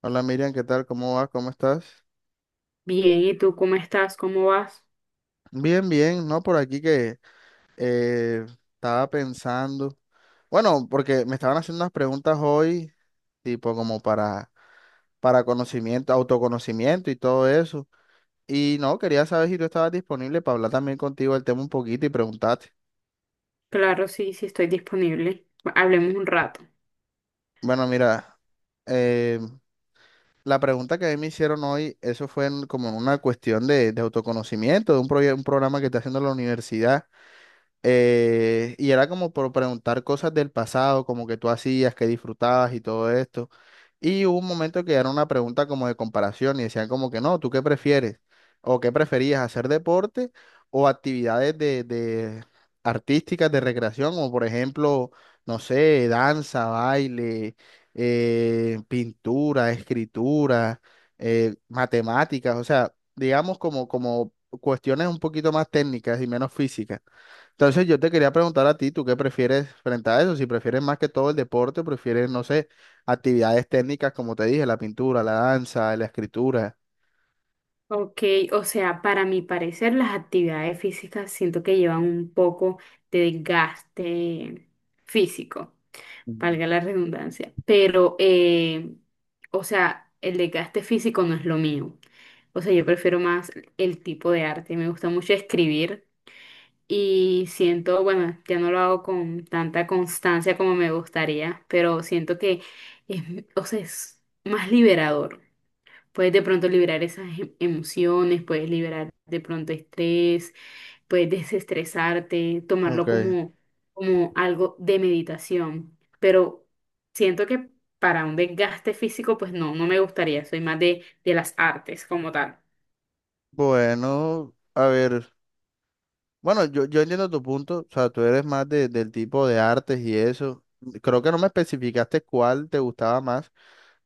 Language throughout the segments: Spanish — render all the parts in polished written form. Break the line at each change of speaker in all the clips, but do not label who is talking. Hola Miriam, ¿qué tal? ¿Cómo vas? ¿Cómo estás?
Bien, ¿y tú cómo estás? ¿Cómo vas?
Bien, bien, ¿no? Por aquí que eh, estaba pensando, bueno, porque me estaban haciendo unas preguntas hoy, tipo como para conocimiento, autoconocimiento y todo eso. Y no, quería saber si tú estabas disponible para hablar también contigo del tema un poquito y preguntarte.
Claro, sí, sí estoy disponible. Hablemos un rato.
Bueno, mira, eh, la pregunta que a mí me hicieron hoy, eso fue como en una cuestión de autoconocimiento, de un, un programa que está haciendo la universidad. Y era como por preguntar cosas del pasado, como que tú hacías, que disfrutabas y todo esto. Y hubo un momento que era una pregunta como de comparación y decían como que no, ¿tú qué prefieres? ¿O qué preferías, hacer deporte o actividades de artísticas de recreación? Como por ejemplo, no sé, danza, baile, pintura, escritura, matemáticas, o sea, digamos como, como cuestiones un poquito más técnicas y menos físicas. Entonces yo te quería preguntar a ti, ¿tú qué prefieres frente a eso? Si prefieres más que todo el deporte, o prefieres, no sé, actividades técnicas, como te dije, la pintura, la danza, la escritura.
Ok, o sea, para mi parecer las actividades físicas siento que llevan un poco de desgaste físico,
Mm.
valga la redundancia, pero, o sea, el desgaste físico no es lo mío. O sea, yo prefiero más el tipo de arte. Me gusta mucho escribir. Y siento, bueno, ya no lo hago con tanta constancia como me gustaría, pero siento que es, o sea, es más liberador. Puedes de pronto liberar esas emociones, puedes liberar de pronto estrés, puedes desestresarte, tomarlo
Ok,
como, como algo de meditación. Pero siento que para un desgaste físico, pues no, no me gustaría. Soy más de las artes como tal.
bueno, a ver, bueno, yo entiendo tu punto, o sea, tú eres más del tipo de artes y eso. Creo que no me especificaste cuál te gustaba más.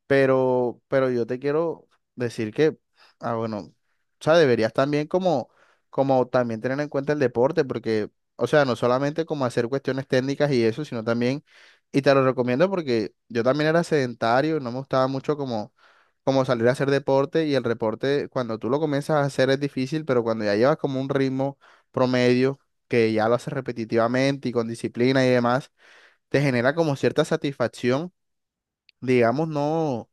Pero yo te quiero decir que, ah, bueno, o sea, deberías también como, como también tener en cuenta el deporte, porque, o sea, no solamente como hacer cuestiones técnicas y eso, sino también, y te lo recomiendo porque yo también era sedentario, no me gustaba mucho como, como salir a hacer deporte y el deporte cuando tú lo comienzas a hacer es difícil, pero cuando ya llevas como un ritmo promedio, que ya lo haces repetitivamente y con disciplina y demás, te genera como cierta satisfacción, digamos, no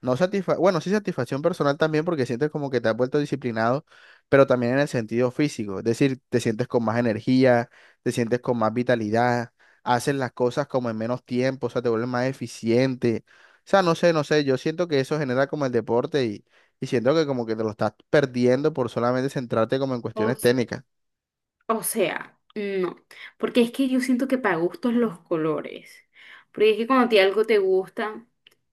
no satisfa bueno, sí satisfacción personal también porque sientes como que te has vuelto disciplinado, pero también en el sentido físico, es decir, te sientes con más energía, te sientes con más vitalidad, haces las cosas como en menos tiempo, o sea, te vuelves más eficiente. O sea, no sé, no sé, yo siento que eso genera como el deporte y siento que como que te lo estás perdiendo por solamente centrarte como en cuestiones técnicas.
O sea, no, porque es que yo siento que para gustos los colores, porque es que cuando a ti algo te gusta,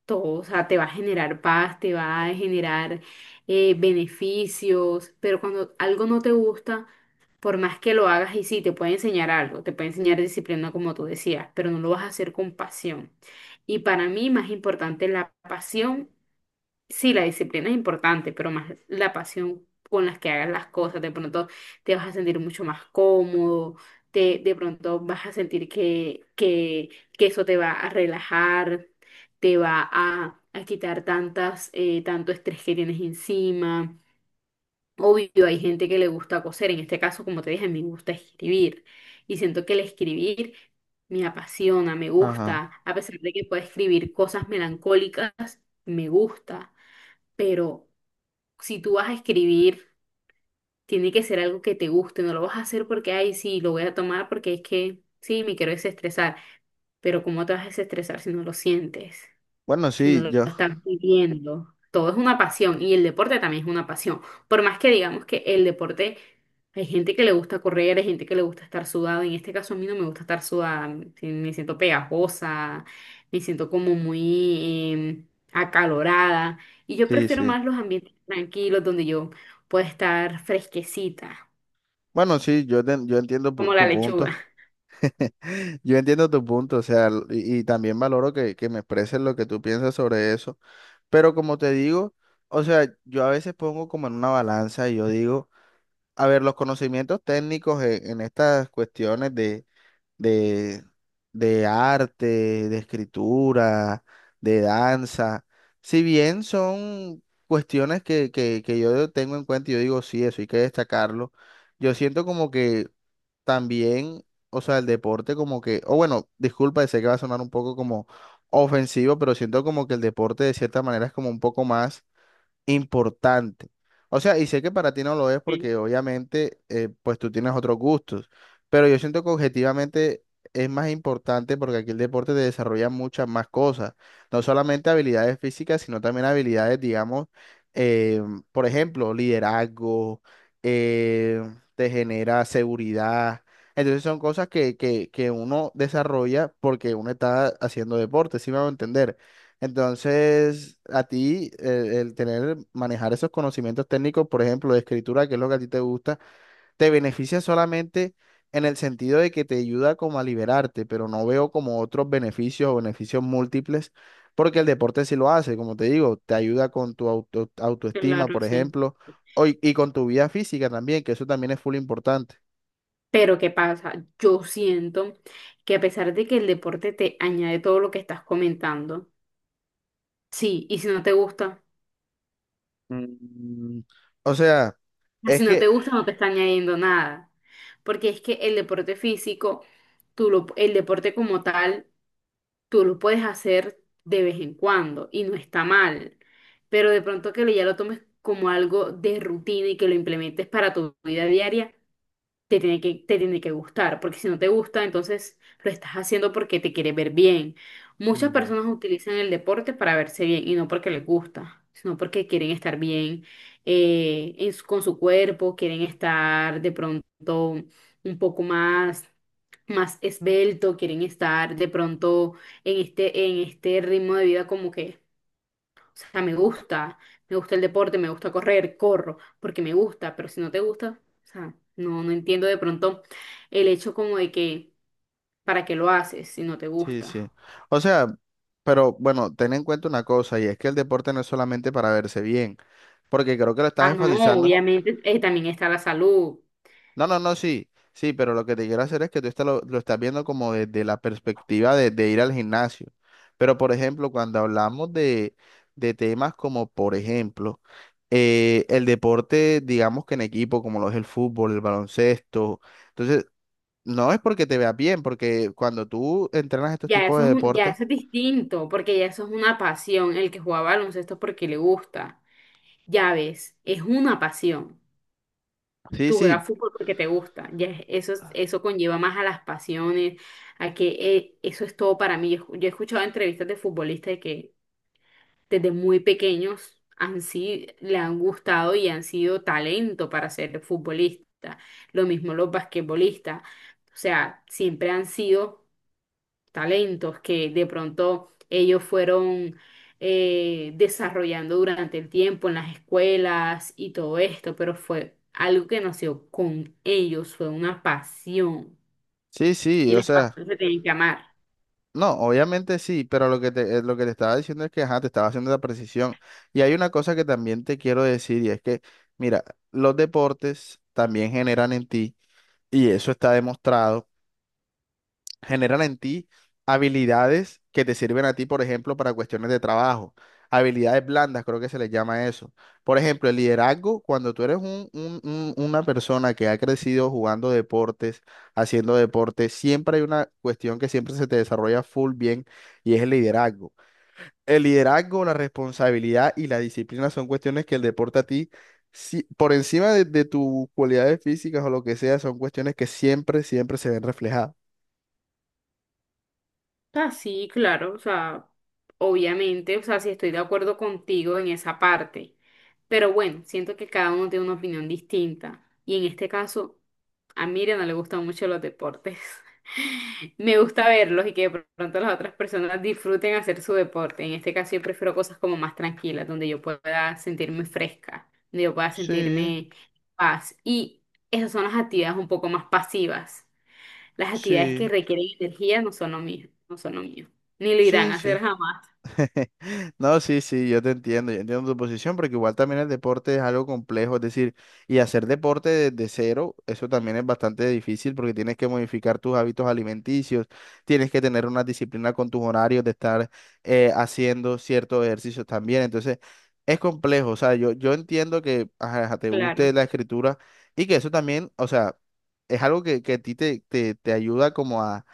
todo, o sea, te va a generar paz, te va a generar beneficios, pero cuando algo no te gusta, por más que lo hagas y sí, te puede enseñar algo, te puede enseñar disciplina como tú decías, pero no lo vas a hacer con pasión. Y para mí más importante es la pasión. Sí, la disciplina es importante, pero más la pasión con las que hagas las cosas. De pronto te vas a sentir mucho más cómodo, te, de pronto vas a sentir que eso te va a relajar, te va a quitar tantas, tanto estrés que tienes encima. Obvio, hay gente que le gusta coser. En este caso, como te dije, me gusta escribir. Y siento que el escribir me apasiona, me
Ajá.
gusta. A pesar de que puedo escribir cosas melancólicas, me gusta, pero si tú vas a escribir, tiene que ser algo que te guste, no lo vas a hacer porque, ay, sí, lo voy a tomar porque es que, sí, me quiero desestresar, pero ¿cómo te vas a desestresar si no lo sientes?
Bueno,
Si no
sí,
lo
yo,
estás viviendo. Todo es una pasión y el deporte también es una pasión. Por más que digamos que el deporte, hay gente que le gusta correr, hay gente que le gusta estar sudado. En este caso a mí no me gusta estar sudada, sí, me siento pegajosa, me siento como muy acalorada. Y yo
sí,
prefiero
sí.
más los ambientes tranquilos donde yo pueda estar fresquecita,
Bueno, sí, yo, yo entiendo
como la
tu
lechuga.
punto. Yo entiendo tu punto, o sea, y también valoro que me expreses lo que tú piensas sobre eso, pero como te digo, o sea, yo a veces pongo como en una balanza y yo digo, a ver, los conocimientos técnicos en estas cuestiones de, de arte, de escritura, de danza, si bien son cuestiones que yo tengo en cuenta y yo digo, sí, eso hay que destacarlo, yo siento como que también, o sea, el deporte como que, o bueno, disculpa, sé que va a sonar un poco como ofensivo, pero siento como que el deporte de cierta manera es como un poco más importante. O sea, y sé que para ti no lo es
Sí,
porque obviamente pues tú tienes otros gustos, pero yo siento que objetivamente es más importante porque aquí el deporte te desarrolla muchas más cosas, no solamente habilidades físicas, sino también habilidades, digamos, eh, por ejemplo, liderazgo, eh, te genera seguridad. Entonces son cosas que uno desarrolla porque uno está haciendo deporte, ¿sí me a entender? Entonces, a ti, el tener, manejar esos conocimientos técnicos, por ejemplo, de escritura, que es lo que a ti te gusta, te beneficia solamente en el sentido de que te ayuda como a liberarte, pero no veo como otros beneficios o beneficios múltiples, porque el deporte sí lo hace, como te digo, te ayuda con tu autoestima,
claro,
por
sí.
ejemplo, o y con tu vida física también, que eso también es full importante.
Pero ¿qué pasa? Yo siento que a pesar de que el deporte te añade todo lo que estás comentando, sí, y si no te gusta,
Mm. O sea,
ah,
es
si no te
que...
gusta no te está añadiendo nada. Porque es que el deporte físico, el deporte como tal, tú lo puedes hacer de vez en cuando y no está mal. Pero de pronto que ya lo tomes como algo de rutina y que lo implementes para tu vida diaria te tiene te tiene que gustar, porque si no te gusta, entonces lo estás haciendo porque te quiere ver bien. Muchas
mm.
personas utilizan el deporte para verse bien y no porque les gusta, sino porque quieren estar bien, con su cuerpo, quieren estar de pronto un poco más, más esbelto, quieren estar de pronto en este ritmo de vida como que, o sea, me gusta el deporte, me gusta correr, corro, porque me gusta, pero si no te gusta, o sea, no, no entiendo de pronto el hecho como de que, ¿para qué lo haces si no te
Sí, sí.
gusta?
O sea, pero bueno, ten en cuenta una cosa, y es que el deporte no es solamente para verse bien, porque creo que lo estás
Ah, no,
enfatizando.
obviamente también está la salud.
No, no, no, sí, sí, pero lo que te quiero hacer es que tú lo estás viendo como desde la perspectiva de ir al gimnasio. Pero, por ejemplo, cuando hablamos de temas como, por ejemplo, el deporte, digamos que en equipo, como lo es el fútbol, el baloncesto, entonces, no es porque te veas bien, porque cuando tú entrenas estos
Ya
tipos
eso
de
es, ya
deportes,
eso es distinto, porque ya eso es una pasión. El que juega baloncesto es porque le gusta. Ya ves, es una pasión.
sí,
Tú
sí.
juegas fútbol porque te gusta. Eso, eso conlleva más a las pasiones, a que eso es todo para mí. Yo he escuchado entrevistas de futbolistas que desde muy pequeños han, sido le han gustado y han sido talento para ser futbolista. Lo mismo los basquetbolistas. O sea, siempre han sido talentos que de pronto ellos fueron desarrollando durante el tiempo en las escuelas y todo esto, pero fue algo que nació con ellos, fue una pasión
Sí, sí,
y
o
las
sea,
pasiones se tienen que amar.
no, obviamente sí, pero lo que te estaba diciendo es que, ajá, te estaba haciendo la precisión. Y hay una cosa que también te quiero decir y es que, mira, los deportes también generan en ti, y eso está demostrado, generan en ti habilidades que te sirven a ti, por ejemplo, para cuestiones de trabajo. Habilidades blandas, creo que se les llama eso. Por ejemplo, el liderazgo, cuando tú eres una persona que ha crecido jugando deportes, haciendo deportes, siempre hay una cuestión que siempre se te desarrolla full bien y es el liderazgo. El liderazgo, la responsabilidad y la disciplina son cuestiones que el deporte a ti, por encima de tus cualidades físicas o lo que sea, son cuestiones que siempre, siempre se ven reflejadas.
Ah, sí, claro, o sea, obviamente, o sea, sí estoy de acuerdo contigo en esa parte, pero bueno, siento que cada uno tiene una opinión distinta y en este caso a Miriam no le gustan mucho los deportes. Me gusta verlos y que de pronto las otras personas disfruten hacer su deporte. En este caso yo prefiero cosas como más tranquilas, donde yo pueda sentirme fresca, donde yo pueda
Sí,
sentirme en paz y esas son las actividades un poco más pasivas. Las actividades que
sí,
requieren energía no son lo mío, no son lo mío. Ni lo irán
sí,
a hacer
sí.
jamás.
No, sí, sí, yo te entiendo, yo entiendo tu posición, porque igual también el deporte es algo complejo, es decir, y hacer deporte desde cero, eso también es bastante difícil porque tienes que modificar tus hábitos alimenticios, tienes que tener una disciplina con tus horarios de estar haciendo ciertos ejercicios también, entonces es complejo, o sea, yo entiendo que ajá, ajá, te
Claro,
guste la escritura y que eso también, o sea, es algo que a ti te, te ayuda como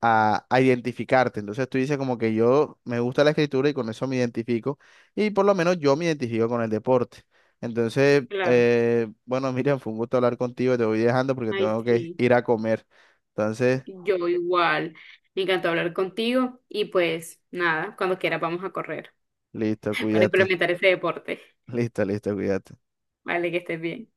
a identificarte. Entonces tú dices como que yo me gusta la escritura y con eso me identifico y por lo menos yo me identifico con el deporte. Entonces,
claro.
bueno, Miriam, fue un gusto hablar contigo, te voy dejando porque
Ay,
tengo que
sí.
ir a comer. Entonces,
Yo igual. Me encantó hablar contigo y pues nada, cuando quiera vamos a correr
listo,
para
cuídate.
implementar ese deporte.
Listo, listo, cuídate.
Vale, que estés bien.